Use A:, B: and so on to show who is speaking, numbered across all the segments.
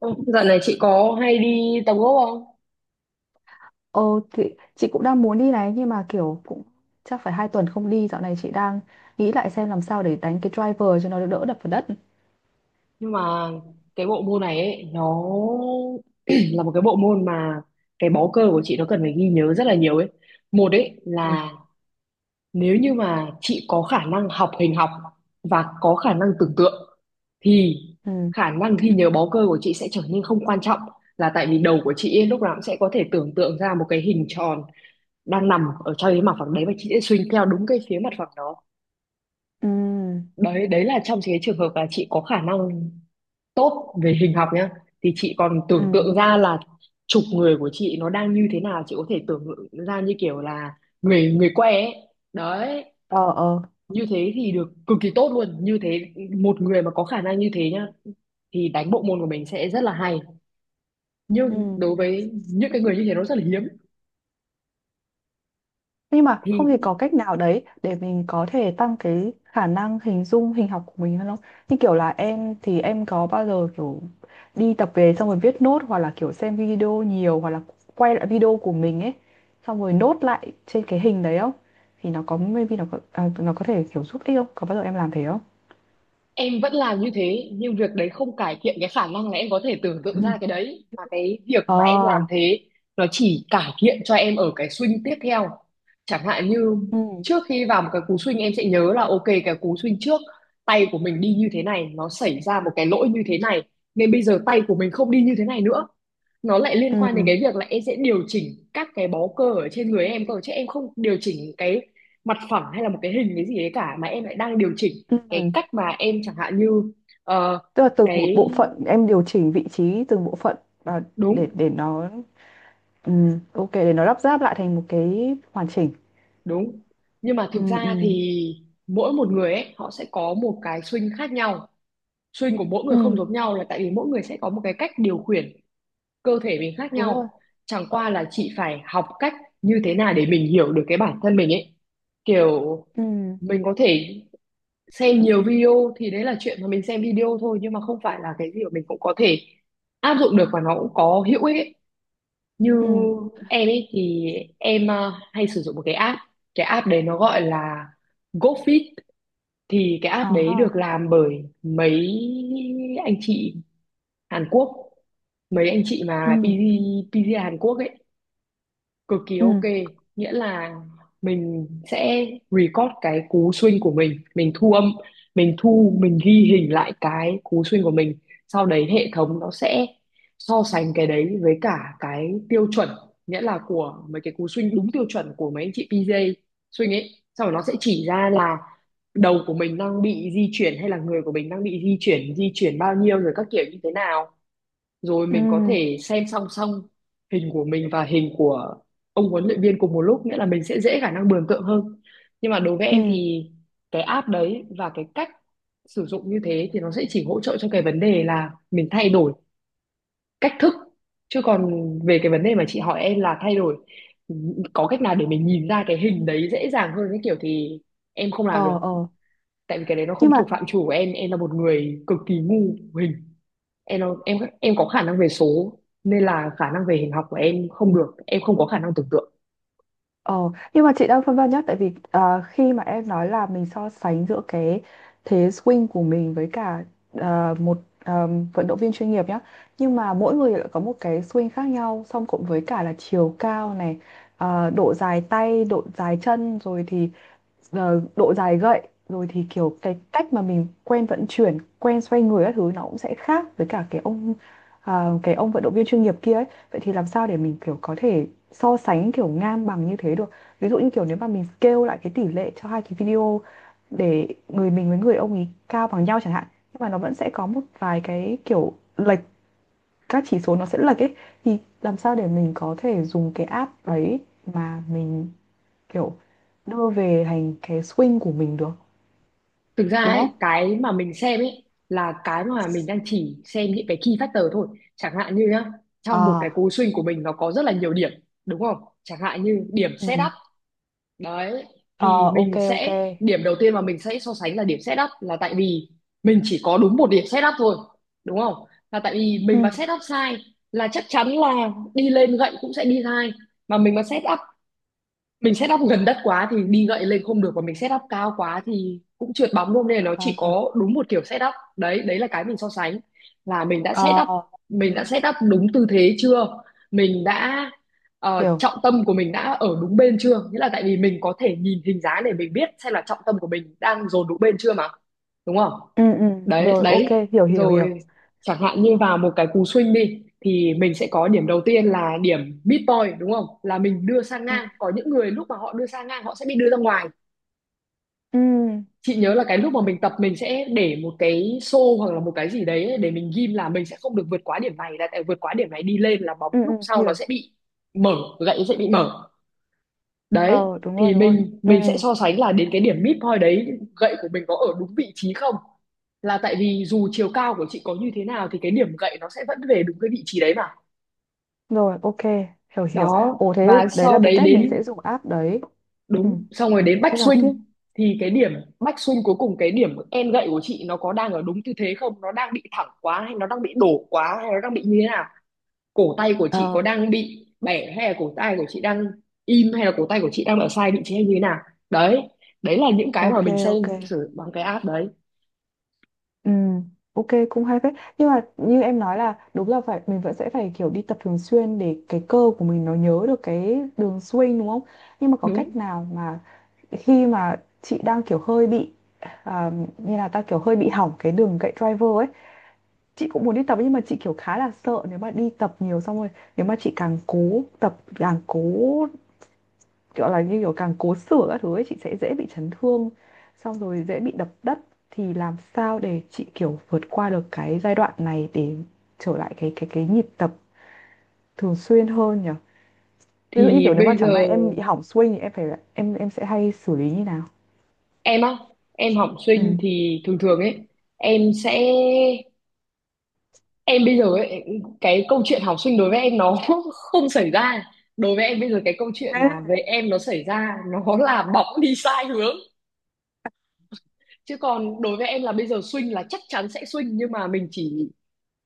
A: Ừ, Dạo này chị có hay đi tập gốc không?
B: Ồ, thì chị cũng đang muốn đi này, nhưng mà kiểu cũng chắc phải 2 tuần không đi. Dạo này chị đang nghĩ lại xem làm sao để đánh cái driver cho nó đỡ đập vào đất.
A: Nhưng mà cái bộ môn này ấy, nó là một cái bộ môn mà cái bó cơ của chị nó cần phải ghi nhớ rất là nhiều ấy. Một ấy
B: Ừ.
A: là nếu như mà chị có khả năng học hình học và có khả năng tưởng tượng thì
B: Ừ.
A: khả năng ghi nhớ bó cơ của chị sẽ trở nên không quan trọng, là tại vì đầu của chị ấy, lúc nào cũng sẽ có thể tưởng tượng ra một cái hình tròn đang nằm ở trong cái mặt phẳng đấy, và chị sẽ swing theo đúng cái phía mặt phẳng đó.
B: Ừ.
A: Đấy. Đấy là trong cái trường hợp là chị có khả năng tốt về hình học nhá, thì chị còn tưởng
B: Ừ.
A: tượng ra là chụp người của chị nó đang như thế nào, chị có thể tưởng tượng ra như kiểu là người người que ấy. Đấy,
B: Ờ, ờ.
A: như thế thì được cực kỳ tốt luôn. Như thế một người mà có khả năng như thế nhá thì đánh bộ môn của mình sẽ rất là hay,
B: Ừ.
A: nhưng đối với những cái người như thế nó rất là hiếm.
B: Nhưng mà
A: Thì
B: không thì có cách nào đấy để mình có thể tăng cái khả năng hình dung hình học của mình hơn không? Như kiểu là em, thì em có bao giờ kiểu đi tập về xong rồi viết nốt, hoặc là kiểu xem video nhiều, hoặc là quay lại video của mình ấy, xong rồi nốt lại trên cái hình đấy không? Thì nó có maybe nó có, à, nó có thể kiểu giúp ích không? Có bao giờ em làm thế không?
A: em vẫn làm như thế, nhưng việc đấy không cải thiện cái khả năng là em có thể tưởng tượng ra
B: Ừ.
A: cái đấy, và cái việc
B: Ờ.
A: mà em làm thế nó chỉ cải thiện cho em ở cái swing tiếp theo. Chẳng hạn như
B: Ừ.
A: trước khi vào một cái cú swing em sẽ nhớ là ok cái cú swing trước tay của mình đi như thế này, nó xảy ra một cái lỗi như thế này, nên bây giờ tay của mình không đi như thế này nữa. Nó lại liên quan đến
B: Ừ.
A: cái việc là em sẽ điều chỉnh các cái bó cơ ở trên người em cơ, chứ em không điều chỉnh cái mặt phẳng hay là một cái hình cái gì đấy cả, mà em lại đang điều chỉnh
B: Ừ.
A: cái cách mà em, chẳng hạn như ờ,
B: Tức là từng một
A: cái.
B: bộ phận, em điều chỉnh vị trí từng bộ phận và để
A: Đúng.
B: để nó, ừ, ok, để nó lắp ráp lại thành một cái hoàn chỉnh.
A: Đúng, nhưng mà
B: Ừ,
A: thực
B: ừ,
A: ra thì mỗi một người ấy họ sẽ có một cái swing khác nhau, swing của mỗi người không
B: ừ,
A: giống nhau, là tại vì mỗi người sẽ có một cái cách điều khiển cơ thể mình khác
B: đúng rồi.
A: nhau. Chẳng qua là chị phải học cách như thế nào để mình hiểu được cái bản thân mình ấy, kiểu
B: Ừ,
A: mình có thể xem nhiều video thì đấy là chuyện mà mình xem video thôi, nhưng mà không phải là cái gì mà mình cũng có thể áp dụng được và nó cũng có hữu ích ấy. Như
B: ừ,
A: em ấy thì em hay sử dụng một cái app, cái app đấy nó gọi là GoFit. Thì cái
B: ờ
A: app đấy được
B: ha.
A: làm bởi mấy anh chị Hàn Quốc, mấy anh chị mà
B: Ừ,
A: PG Hàn Quốc ấy, cực kỳ ok.
B: ừ,
A: Nghĩa là mình sẽ record cái cú swing của mình thu âm, mình ghi hình lại cái cú swing của mình, sau đấy hệ thống nó sẽ so sánh cái đấy với cả cái tiêu chuẩn, nghĩa là của mấy cái cú swing đúng tiêu chuẩn của mấy anh chị PJ swing ấy. Sau đó nó sẽ chỉ ra là đầu của mình đang bị di chuyển hay là người của mình đang bị di chuyển, di chuyển bao nhiêu rồi các kiểu như thế nào, rồi
B: ừ,
A: mình có thể xem song song hình của mình và hình của ông huấn luyện viên cùng một lúc, nghĩa là mình sẽ dễ khả năng mường tượng hơn. Nhưng mà đối với em
B: ừ.
A: thì cái app đấy và cái cách sử dụng như thế thì nó sẽ chỉ hỗ trợ cho cái vấn đề là mình thay đổi cách thức, chứ còn về cái vấn đề mà chị hỏi em là thay đổi, có cách nào để mình nhìn ra cái hình đấy dễ dàng hơn cái kiểu, thì em không làm
B: Ờ,
A: được.
B: ờ.
A: Tại vì cái đấy nó không
B: Nhưng mà,
A: thuộc phạm trù của em là một người cực kỳ ngu hình. Em có khả năng về số, nên là khả năng về hình học của em không được, em không có khả năng tưởng tượng.
B: ờ, nhưng mà chị đang phân vân nhá, tại vì khi mà em nói là mình so sánh giữa cái thế swing của mình với cả, một, ờ, vận động viên chuyên nghiệp nhá, nhưng mà mỗi người lại có một cái swing khác nhau, song cộng với cả là chiều cao này, độ dài tay, độ dài chân, rồi thì giờ độ dài gậy, rồi thì kiểu cái cách mà mình quen vận chuyển, quen xoay người các thứ, nó cũng sẽ khác với cả cái ông vận động viên chuyên nghiệp kia ấy. Vậy thì làm sao để mình kiểu có thể so sánh kiểu ngang bằng như thế được? Ví dụ như kiểu nếu mà mình scale lại cái tỷ lệ cho hai cái video để người mình với người ông ấy cao bằng nhau chẳng hạn, nhưng mà nó vẫn sẽ có một vài cái kiểu lệch, các chỉ số nó sẽ lệch ấy, thì làm sao để mình có thể dùng cái app đấy mà mình kiểu đưa về thành cái swing của mình được,
A: Thực ra
B: đúng
A: ấy,
B: không?
A: cái mà mình xem ấy là cái mà mình đang chỉ xem những cái key factor thôi. Chẳng hạn như nhá, trong một cái
B: À.
A: cú swing của mình nó có rất là nhiều điểm, đúng không? Chẳng hạn như điểm
B: Ừ.
A: setup đấy,
B: Ờ,
A: thì
B: ok
A: mình
B: ok.
A: sẽ điểm đầu tiên mà mình sẽ so sánh là điểm setup, là tại vì mình chỉ có đúng một điểm setup thôi, đúng không? Là tại vì
B: Ừ.
A: mình mà setup sai là chắc chắn là đi lên gậy cũng sẽ đi sai. Mà mình mà set up Mình set up gần đất quá thì đi gậy lên không được, và mình set up cao quá thì cũng trượt bóng luôn, nên là nó
B: Ờ,
A: chỉ có đúng một kiểu set up đấy. Đấy là cái mình so sánh, là mình đã
B: ờ,
A: set up
B: ok,
A: mình đã set up đúng tư thế chưa, mình đã
B: hiểu.
A: trọng tâm của mình đã ở đúng bên chưa, nghĩa là tại vì mình có thể nhìn hình dáng để mình biết xem là trọng tâm của mình đang dồn đúng bên chưa mà, đúng không?
B: Ừ, ừ,
A: Đấy.
B: rồi ok,
A: Đấy
B: hiểu hiểu hiểu.
A: rồi. Chẳng hạn như vào một cái cú swing đi thì mình sẽ có điểm đầu tiên là điểm mid point, đúng không? Là mình đưa sang
B: Ừ,
A: ngang, có những người lúc mà họ đưa sang ngang họ sẽ bị đưa ra ngoài.
B: ừ,
A: Chị nhớ là cái lúc mà mình
B: ừ,
A: tập mình sẽ để một cái xô hoặc là một cái gì đấy để mình ghim là mình sẽ không được vượt quá điểm này, là tại vượt quá điểm này đi lên là bóng
B: ừ,
A: lúc
B: ừ,
A: sau nó
B: hiểu.
A: sẽ bị mở, gậy sẽ bị mở. Đấy.
B: Ờ, đúng rồi
A: Thì
B: đúng rồi.
A: mình
B: Ừ,
A: mình sẽ so sánh là đến cái điểm mid point đấy gậy của mình có ở đúng vị trí không, là tại vì dù chiều cao của chị có như thế nào thì cái điểm gậy nó sẽ vẫn về đúng cái vị trí đấy mà.
B: rồi ok, hiểu hiểu.
A: Đó,
B: Ồ, thế
A: và
B: đấy
A: sau
B: là cái
A: đấy
B: cách mình
A: đến.
B: sẽ dùng app đấy. Ừ,
A: Đúng, xong rồi đến back
B: thế nói
A: swing,
B: tiếp.
A: thì cái điểm back swing cuối cùng cái điểm end gậy của chị nó có đang ở đúng tư thế không, nó đang bị thẳng quá hay nó đang bị đổ quá hay nó đang bị như thế nào, cổ tay của chị có
B: Ờ,
A: đang bị bẻ hay là cổ tay của chị đang im hay là cổ tay của chị đang ở sai vị trí hay như thế nào. Đấy. Đấy là những cái mà
B: ok
A: mình xem
B: ok.
A: thử bằng cái app đấy.
B: Ừ, ok, cũng hay phết, nhưng mà như em nói là đúng là phải mình vẫn sẽ phải kiểu đi tập thường xuyên để cái cơ của mình nó nhớ được cái đường swing, đúng không? Nhưng mà có
A: Đúng.
B: cách nào mà khi mà chị đang kiểu hơi bị, à, như là ta kiểu hơi bị hỏng cái đường gậy driver ấy, chị cũng muốn đi tập, nhưng mà chị kiểu khá là sợ nếu mà đi tập nhiều xong rồi, nếu mà chị càng cố tập, càng cố kiểu là, như kiểu càng cố sửa các thứ ấy, chị sẽ dễ bị chấn thương, xong rồi dễ bị đập đất. Thì làm sao để chị kiểu vượt qua được cái giai đoạn này để trở lại cái nhịp tập thường xuyên hơn nhỉ? Ví dụ như
A: Thì
B: kiểu nếu mà
A: bây giờ
B: chẳng may em bị hỏng swing thì em phải, em sẽ hay xử lý như nào?
A: em á, em học sinh
B: Ừ.
A: thì thường thường ấy, em sẽ em bây giờ ấy, cái câu chuyện học sinh đối với em nó không xảy ra. Đối với em bây giờ cái câu chuyện
B: Đấy,
A: mà về em nó xảy ra nó là bóng đi sai hướng, chứ còn đối với em là bây giờ swing là chắc chắn sẽ swing, nhưng mà mình chỉ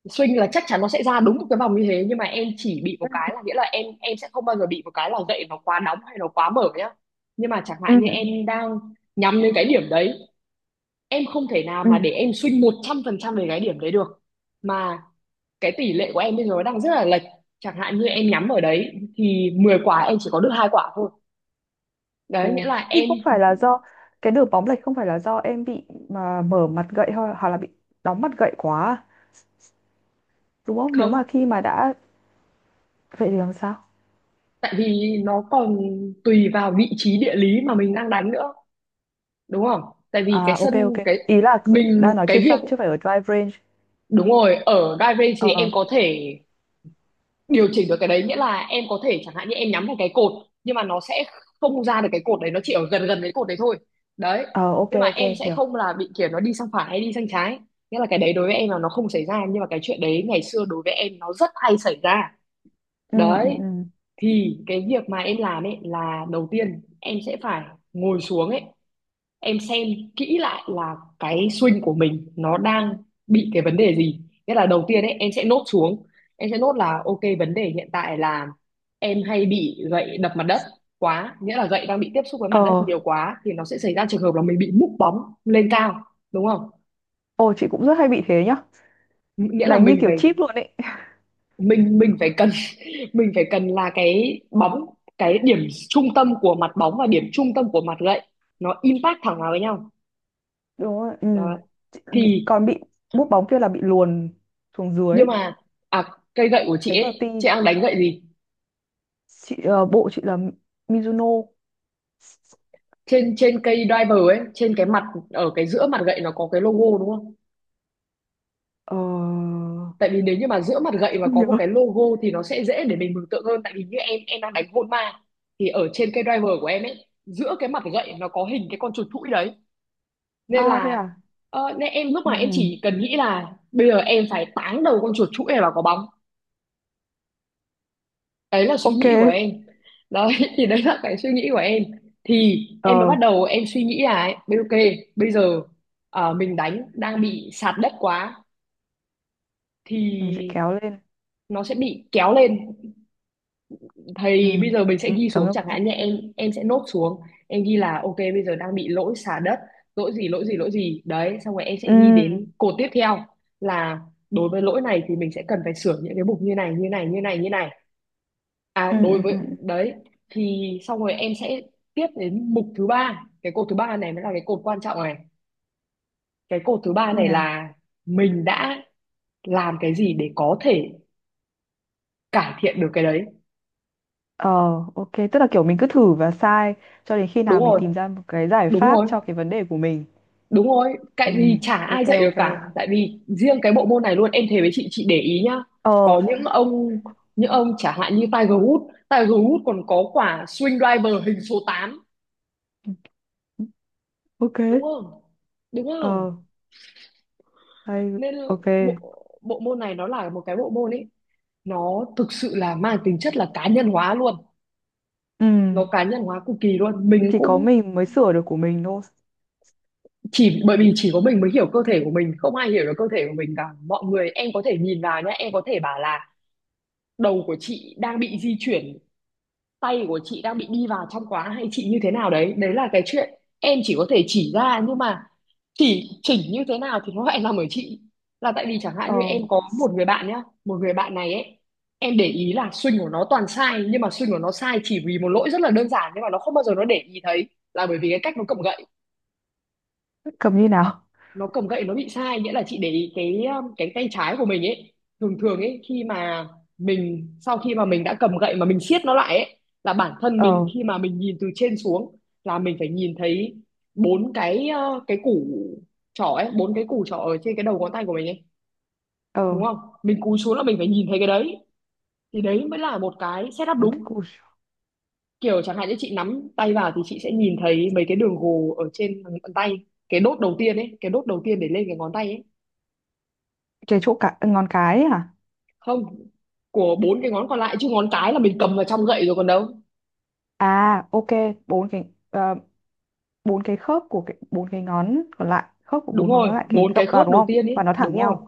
A: swing là chắc chắn nó sẽ ra đúng một cái vòng như thế, nhưng mà em chỉ bị một cái là, nghĩa là em sẽ không bao giờ bị một cái là gậy nó quá đóng hay nó quá mở nhá. Nhưng mà chẳng
B: ừ,
A: hạn như em đang nhắm đến cái điểm đấy, em không thể nào
B: ừ.
A: mà để em swing 100% về cái điểm đấy được. Mà cái tỷ lệ của em bây giờ nó đang rất là lệch, chẳng hạn như em nhắm ở đấy thì 10 quả em chỉ có được hai quả thôi. Đấy, nghĩa
B: Ồ,
A: là
B: nhưng
A: em
B: không phải là do cái đường bóng lệch, không phải là do em bị mà mở mặt gậy hoặc là bị đóng mặt gậy quá à? Đúng không, nếu mà
A: không.
B: khi mà đã, vậy thì làm sao?
A: Tại vì nó còn tùy vào vị trí địa lý mà mình đang đánh nữa, đúng không? Tại
B: À,
A: vì cái sân,
B: ok ok.
A: cái
B: Ý là đang
A: mình,
B: nói trên
A: cái việc.
B: sân chứ phải ở drive range.
A: Đúng rồi, ở Drive Range thì
B: Ờ,
A: em
B: ờ.
A: có thể điều chỉnh được cái đấy, nghĩa là em có thể chẳng hạn như em nhắm vào cái cột, nhưng mà nó sẽ không ra được cái cột đấy, nó chỉ ở gần gần cái cột đấy thôi. Đấy.
B: Ờ, ok
A: Nhưng mà
B: ok,
A: em sẽ
B: hiểu.
A: không là bị kiểu nó đi sang phải hay đi sang trái. Nghĩa là cái đấy đối với em là nó không xảy ra, nhưng mà cái chuyện đấy ngày xưa đối với em nó rất hay xảy ra.
B: Ừ. Ừ.
A: Đấy.
B: Ừ.
A: Thì cái việc mà em làm ấy là đầu tiên em sẽ phải ngồi xuống ấy em xem kỹ lại là cái swing của mình nó đang bị cái vấn đề gì, nghĩa là đầu tiên ấy em sẽ nốt xuống, em sẽ nốt là ok vấn đề hiện tại là em hay bị gậy đập mặt đất quá, nghĩa là gậy đang bị tiếp xúc với mặt đất
B: Ờ,
A: nhiều quá thì nó sẽ xảy ra trường hợp là mình bị múc bóng lên cao, đúng không?
B: ồ, chị cũng rất hay bị thế nhá.
A: Nghĩa là
B: Đánh như
A: mình
B: kiểu
A: phải
B: chip luôn ấy.
A: mình phải cần mình phải cần là cái bóng, cái điểm trung tâm của mặt bóng và điểm trung tâm của mặt gậy nó impact thẳng vào với nhau.
B: Đúng rồi, ừ.
A: Đó.
B: Chị.
A: Thì
B: Còn bị búp bóng kia là bị luồn xuống
A: nhưng
B: dưới,
A: mà à, cây gậy của chị
B: đánh vào
A: ấy
B: ti.
A: chị đang đánh gậy gì?
B: Chị, bộ chị là Mizuno.
A: Trên trên cây driver ấy, trên cái mặt, ở cái giữa mặt gậy nó có cái logo đúng không,
B: Ờ,
A: tại vì nếu như mà giữa mặt gậy mà
B: không
A: có một
B: nhớ.
A: cái logo thì nó sẽ dễ để mình mường tượng hơn, tại vì như em đang đánh hôn ma thì ở trên cây driver của em ấy giữa cái mặt gậy nó có hình cái con chuột thủi đấy, nên
B: À, thế
A: là
B: à.
A: ờ, nên em lúc
B: Ừ,
A: mà em
B: ừ.
A: chỉ cần nghĩ là bây giờ em phải táng đầu con chuột thủi này vào quả bóng, đấy là suy
B: Ok.
A: nghĩ của em đấy. Thì đấy là cái suy nghĩ của em. Thì
B: Ờ,
A: em mới bắt đầu em suy nghĩ là ấy, ok bây giờ ờ, mình đánh đang bị sạt đất quá
B: mình sẽ
A: thì
B: kéo lên.
A: nó sẽ bị kéo lên,
B: Ừ.
A: thì bây giờ mình sẽ ghi
B: Kéo
A: xuống,
B: ngâm
A: chẳng
B: chứ.
A: hạn như em sẽ nốt xuống, em ghi là ok bây giờ đang bị lỗi sạt đất, lỗi gì lỗi gì lỗi gì đấy, xong rồi em sẽ ghi
B: Ừ.
A: đến cột tiếp theo là đối với lỗi này thì mình sẽ cần phải sửa những cái mục như này như này như này như này. À
B: Ừ, ừ,
A: đối với
B: ừ.
A: đấy thì xong rồi em sẽ tiếp đến mục thứ ba. Cái cột thứ ba này mới là cái cột quan trọng này. Cái cột thứ ba
B: Như
A: này
B: nào?
A: là mình đã làm cái gì để có thể cải thiện được cái đấy.
B: Ờ, ok, tức là kiểu mình cứ thử và sai cho đến khi
A: Đúng
B: nào mình
A: rồi,
B: tìm ra một cái giải
A: đúng
B: pháp
A: rồi,
B: cho cái vấn đề của mình.
A: đúng rồi. Tại
B: Ừ,
A: vì chả
B: ok
A: ai dạy được
B: ok.
A: cả. Tại vì riêng cái bộ môn này luôn, em thề với chị để ý nhá.
B: Ờ,
A: Có những ông chẳng hạn như Tiger Woods, Tiger Woods còn có quả swing driver hình số 8
B: ok.
A: đúng không? Đúng không?
B: Ờ, hay,
A: Nên
B: ok.
A: bộ bộ môn này nó là một cái bộ môn ấy, nó thực sự là mang tính chất là cá nhân hóa luôn,
B: Ừ,
A: nó cá nhân hóa cực kỳ luôn. Mình
B: thì có
A: cũng,
B: mình mới sửa được của mình thôi.
A: chỉ bởi vì chỉ có mình mới hiểu cơ thể của mình, không ai hiểu được cơ thể của mình cả. Mọi người, em có thể nhìn vào nhá, em có thể bảo là đầu của chị đang bị di chuyển, tay của chị đang bị đi vào trong quá, hay chị như thế nào đấy, đấy là cái chuyện em chỉ có thể chỉ ra, nhưng mà chỉ chỉnh như thế nào thì nó lại nằm ở chị. Là tại vì chẳng
B: Ờ,
A: hạn như em có một người bạn nhá, một người bạn này ấy, em để ý là swing của nó toàn sai, nhưng mà swing của nó sai chỉ vì một lỗi rất là đơn giản nhưng mà nó không bao giờ nó để ý thấy, là bởi vì cái cách nó cầm gậy,
B: cầm như nào?
A: nó cầm gậy nó bị sai. Nghĩa là chị để ý cái tay trái của mình ấy, thường thường ấy khi mà mình, sau khi mà mình đã cầm gậy mà mình siết nó lại ấy, là bản thân mình
B: Ờ,
A: khi mà mình nhìn từ trên xuống là mình phải nhìn thấy bốn cái củ trỏ ấy, bốn cái củ trỏ ở trên cái đầu ngón tay của mình ấy,
B: ờ.
A: đúng không, mình cúi xuống là mình phải nhìn thấy cái đấy, thì đấy mới là một cái setup đúng.
B: Ui,
A: Kiểu chẳng hạn như chị nắm tay vào thì chị sẽ nhìn thấy mấy cái đường gồ ở trên bàn tay, cái đốt đầu tiên ấy, cái đốt đầu tiên để lên cái ngón tay ấy.
B: cái chỗ cả ngón cái ấy hả?
A: Không, của bốn cái ngón còn lại chứ, ngón cái là mình cầm vào trong gậy rồi còn đâu.
B: À, ok, bốn cái, bốn cái khớp của cái bốn cái ngón còn lại, khớp của
A: Đúng
B: bốn ngón
A: rồi,
B: còn lại cái
A: bốn cái
B: gập vào,
A: khớp
B: đúng
A: đầu
B: không?
A: tiên ý,
B: Và nó thẳng
A: đúng rồi.
B: nhau.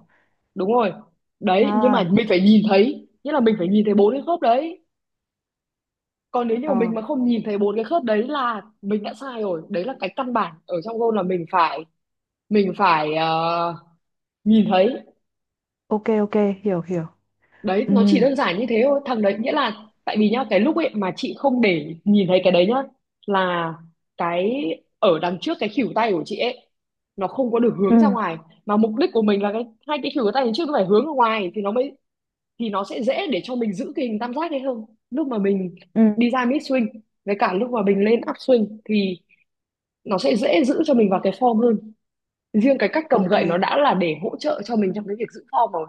A: Đúng rồi. Đấy, nhưng mà
B: À,
A: mình phải nhìn thấy, nghĩa là mình phải nhìn thấy bốn cái khớp đấy. Còn nếu như mà
B: ờ.
A: mình mà không nhìn thấy bốn cái khớp đấy là mình đã sai rồi. Đấy là cái căn bản ở trong gôn, là mình phải, mình phải ờ, nhìn thấy.
B: Ok ok, hiểu hiểu.
A: Đấy,
B: Ừ,
A: nó chỉ đơn giản như thế thôi. Thằng đấy, nghĩa là tại vì nhá, cái lúc ấy mà chị không để nhìn thấy cái đấy nhá, là cái ở đằng trước cái khỉu tay của chị ấy nó không có được hướng ra
B: ừ,
A: ngoài, mà mục đích của mình là cái hai cái khỉu tay đằng trước nó phải hướng ra ngoài thì nó mới, thì nó sẽ dễ để cho mình giữ cái hình tam giác ấy hơn, lúc mà mình
B: ừ,
A: đi ra mid swing với cả lúc mà mình lên up swing thì nó sẽ dễ giữ cho mình vào cái form hơn. Riêng cái cách cầm
B: ok.
A: gậy nó đã là để hỗ trợ cho mình trong cái việc giữ form rồi.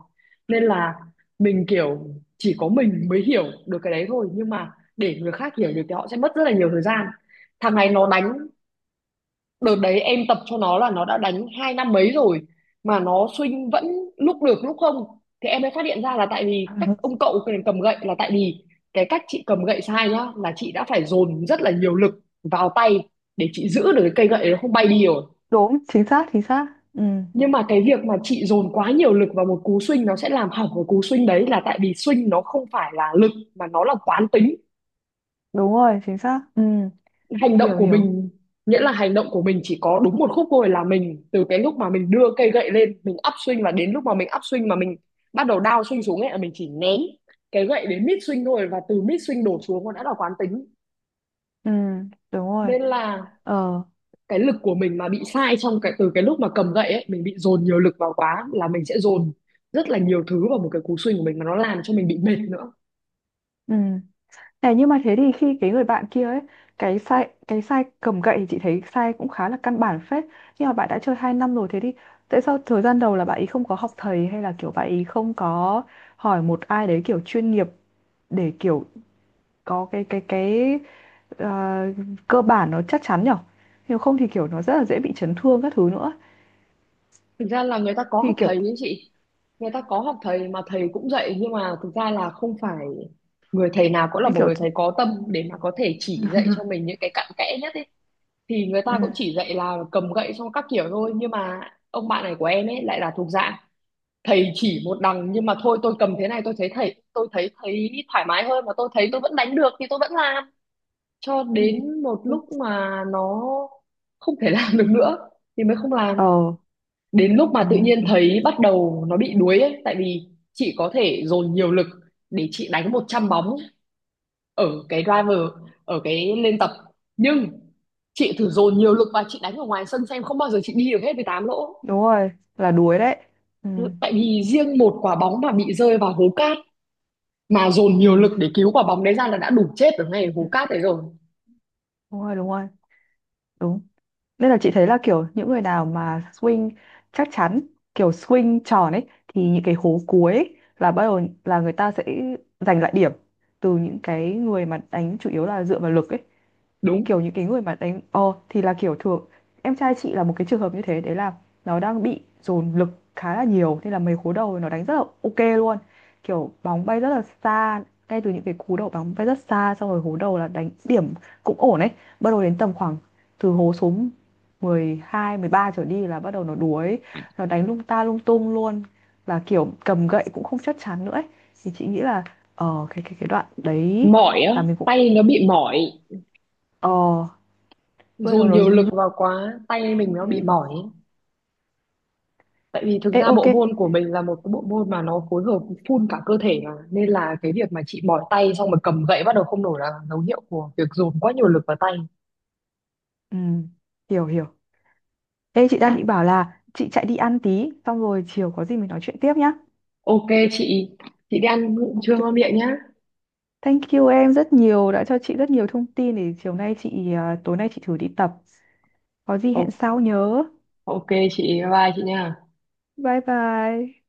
A: Nên là mình kiểu, chỉ có mình mới hiểu được cái đấy thôi, nhưng mà để người khác hiểu được thì họ sẽ mất rất là nhiều thời gian. Thằng này nó đánh, đợt đấy em tập cho nó là nó đã đánh 2 năm mấy rồi mà nó swing vẫn lúc được lúc không, thì em mới phát hiện ra là tại vì cách ông cậu cái này cầm gậy, là tại vì cái cách chị cầm gậy sai nhá, là chị đã phải dồn rất là nhiều lực vào tay để chị giữ được cái cây gậy nó không bay đi rồi,
B: Đúng, chính xác chính xác. Ừ,
A: nhưng mà cái việc mà chị dồn quá nhiều lực vào một cú swing nó sẽ làm hỏng cái cú swing đấy, là tại vì swing nó không phải là lực mà nó là quán tính.
B: đúng rồi, chính xác, ừ.
A: Hành động
B: Hiểu
A: của
B: hiểu,
A: mình, nghĩa là hành động của mình chỉ có đúng một khúc thôi, là mình từ cái lúc mà mình đưa cây gậy lên mình up swing, và đến lúc mà mình up swing mà mình bắt đầu down swing xuống ấy, là mình chỉ ném cái gậy đến mid swing thôi, và từ mid swing đổ xuống nó đã là quán tính.
B: ừ, đúng rồi,
A: Nên là
B: ờ,
A: cái lực của mình mà bị sai trong cái từ cái lúc mà cầm gậy ấy, mình bị dồn nhiều lực vào quá là mình sẽ dồn rất là nhiều thứ vào một cái cú swing của mình mà nó làm cho mình bị mệt nữa.
B: ừ. Này, nhưng mà thế thì khi cái người bạn kia ấy, cái sai cầm gậy, thì chị thấy sai cũng khá là căn bản phết, nhưng mà bạn đã chơi 2 năm rồi, thế thì tại sao thời gian đầu là bạn ấy không có học thầy, hay là kiểu bạn ấy không có hỏi một ai đấy kiểu chuyên nghiệp để kiểu có cái ờ, cơ bản nó chắc chắn nhở? Nếu không thì kiểu nó rất là dễ bị chấn thương các thứ nữa.
A: Thực ra là người ta có
B: Thì
A: học
B: kiểu,
A: thầy ấy chị, người ta có học thầy mà thầy cũng dạy, nhưng mà thực ra là không phải người thầy nào cũng là
B: như
A: một
B: kiểu,
A: người thầy có tâm để mà có thể chỉ dạy cho mình những cái cặn kẽ nhất ấy, thì người
B: ừ.
A: ta cũng chỉ dạy là cầm gậy xong các kiểu thôi, nhưng mà ông bạn này của em ấy lại là thuộc dạng thầy chỉ một đằng nhưng mà thôi tôi cầm thế này tôi thấy thầy, tôi thấy thấy thoải mái hơn mà tôi thấy tôi vẫn đánh được thì tôi vẫn làm, cho
B: Ừ.
A: đến một
B: Ừ.
A: lúc mà nó không thể làm được nữa thì mới không làm.
B: Ờ,
A: Đến lúc mà
B: ừ.
A: tự nhiên thấy bắt đầu nó bị đuối ấy, tại vì chị có thể dồn nhiều lực để chị đánh 100 bóng ở cái driver, ở cái lên tập, nhưng chị thử dồn nhiều lực và chị đánh ở ngoài sân xem, không bao giờ chị đi được hết 18 lỗ,
B: Đúng rồi, là đuối đấy, ừ.
A: tại vì riêng một quả bóng mà bị rơi vào hố cao mà dồn
B: Ừ.
A: nhiều lực để cứu quả bóng đấy ra là đã đủ chết ở ngay
B: Ừ,
A: hố cát đấy rồi.
B: đúng rồi đúng rồi, đúng. Nên là chị thấy là kiểu những người nào mà swing chắc chắn, kiểu swing tròn ấy, thì những cái hố cuối ấy, là bắt đầu là người ta sẽ giành lại điểm từ những cái người mà đánh chủ yếu là dựa vào lực ấy,
A: Đúng.
B: kiểu những cái người mà đánh, thì là kiểu thường, em trai chị là một cái trường hợp như thế đấy, là nó đang bị dồn lực khá là nhiều, nên là mấy cú đầu nó đánh rất là ok luôn, kiểu bóng bay rất là xa, ngay từ những cái cú đầu bóng bay rất xa, xong rồi hố đầu là đánh điểm cũng ổn ấy. Bắt đầu đến tầm khoảng từ hố số 12, 13 trở đi là bắt đầu nó đuối, nó đánh lung ta lung tung luôn, là kiểu cầm gậy cũng không chắc chắn nữa ấy. Thì chị nghĩ là, cái đoạn đấy
A: Mỏi á,
B: là mình cũng,
A: tay nó bị mỏi,
B: ờ, bắt đầu
A: dồn
B: nó.
A: nhiều lực vào quá tay mình nó
B: Ừ.
A: bị mỏi, tại vì thực
B: Ê,
A: ra
B: ok,
A: bộ môn của mình là một cái bộ môn mà nó phối hợp full cả cơ thể mà, nên là cái việc mà chị mỏi tay xong rồi cầm gậy bắt đầu không nổi là dấu hiệu của việc dồn quá nhiều lực vào tay.
B: ừ. Hiểu hiểu. Ê, chị đang định bảo là chị chạy đi ăn tí, xong rồi chiều có gì mình nói chuyện tiếp nhá.
A: Ok chị đi ăn trưa
B: Ok.
A: ngon miệng nhá.
B: Thank you em rất nhiều, đã cho chị rất nhiều thông tin. Để chiều nay chị, à, tối nay chị thử đi tập. Có gì
A: Ồ,
B: hẹn sau nhớ.
A: ok, chị bye bye chị nha.
B: Bye bye.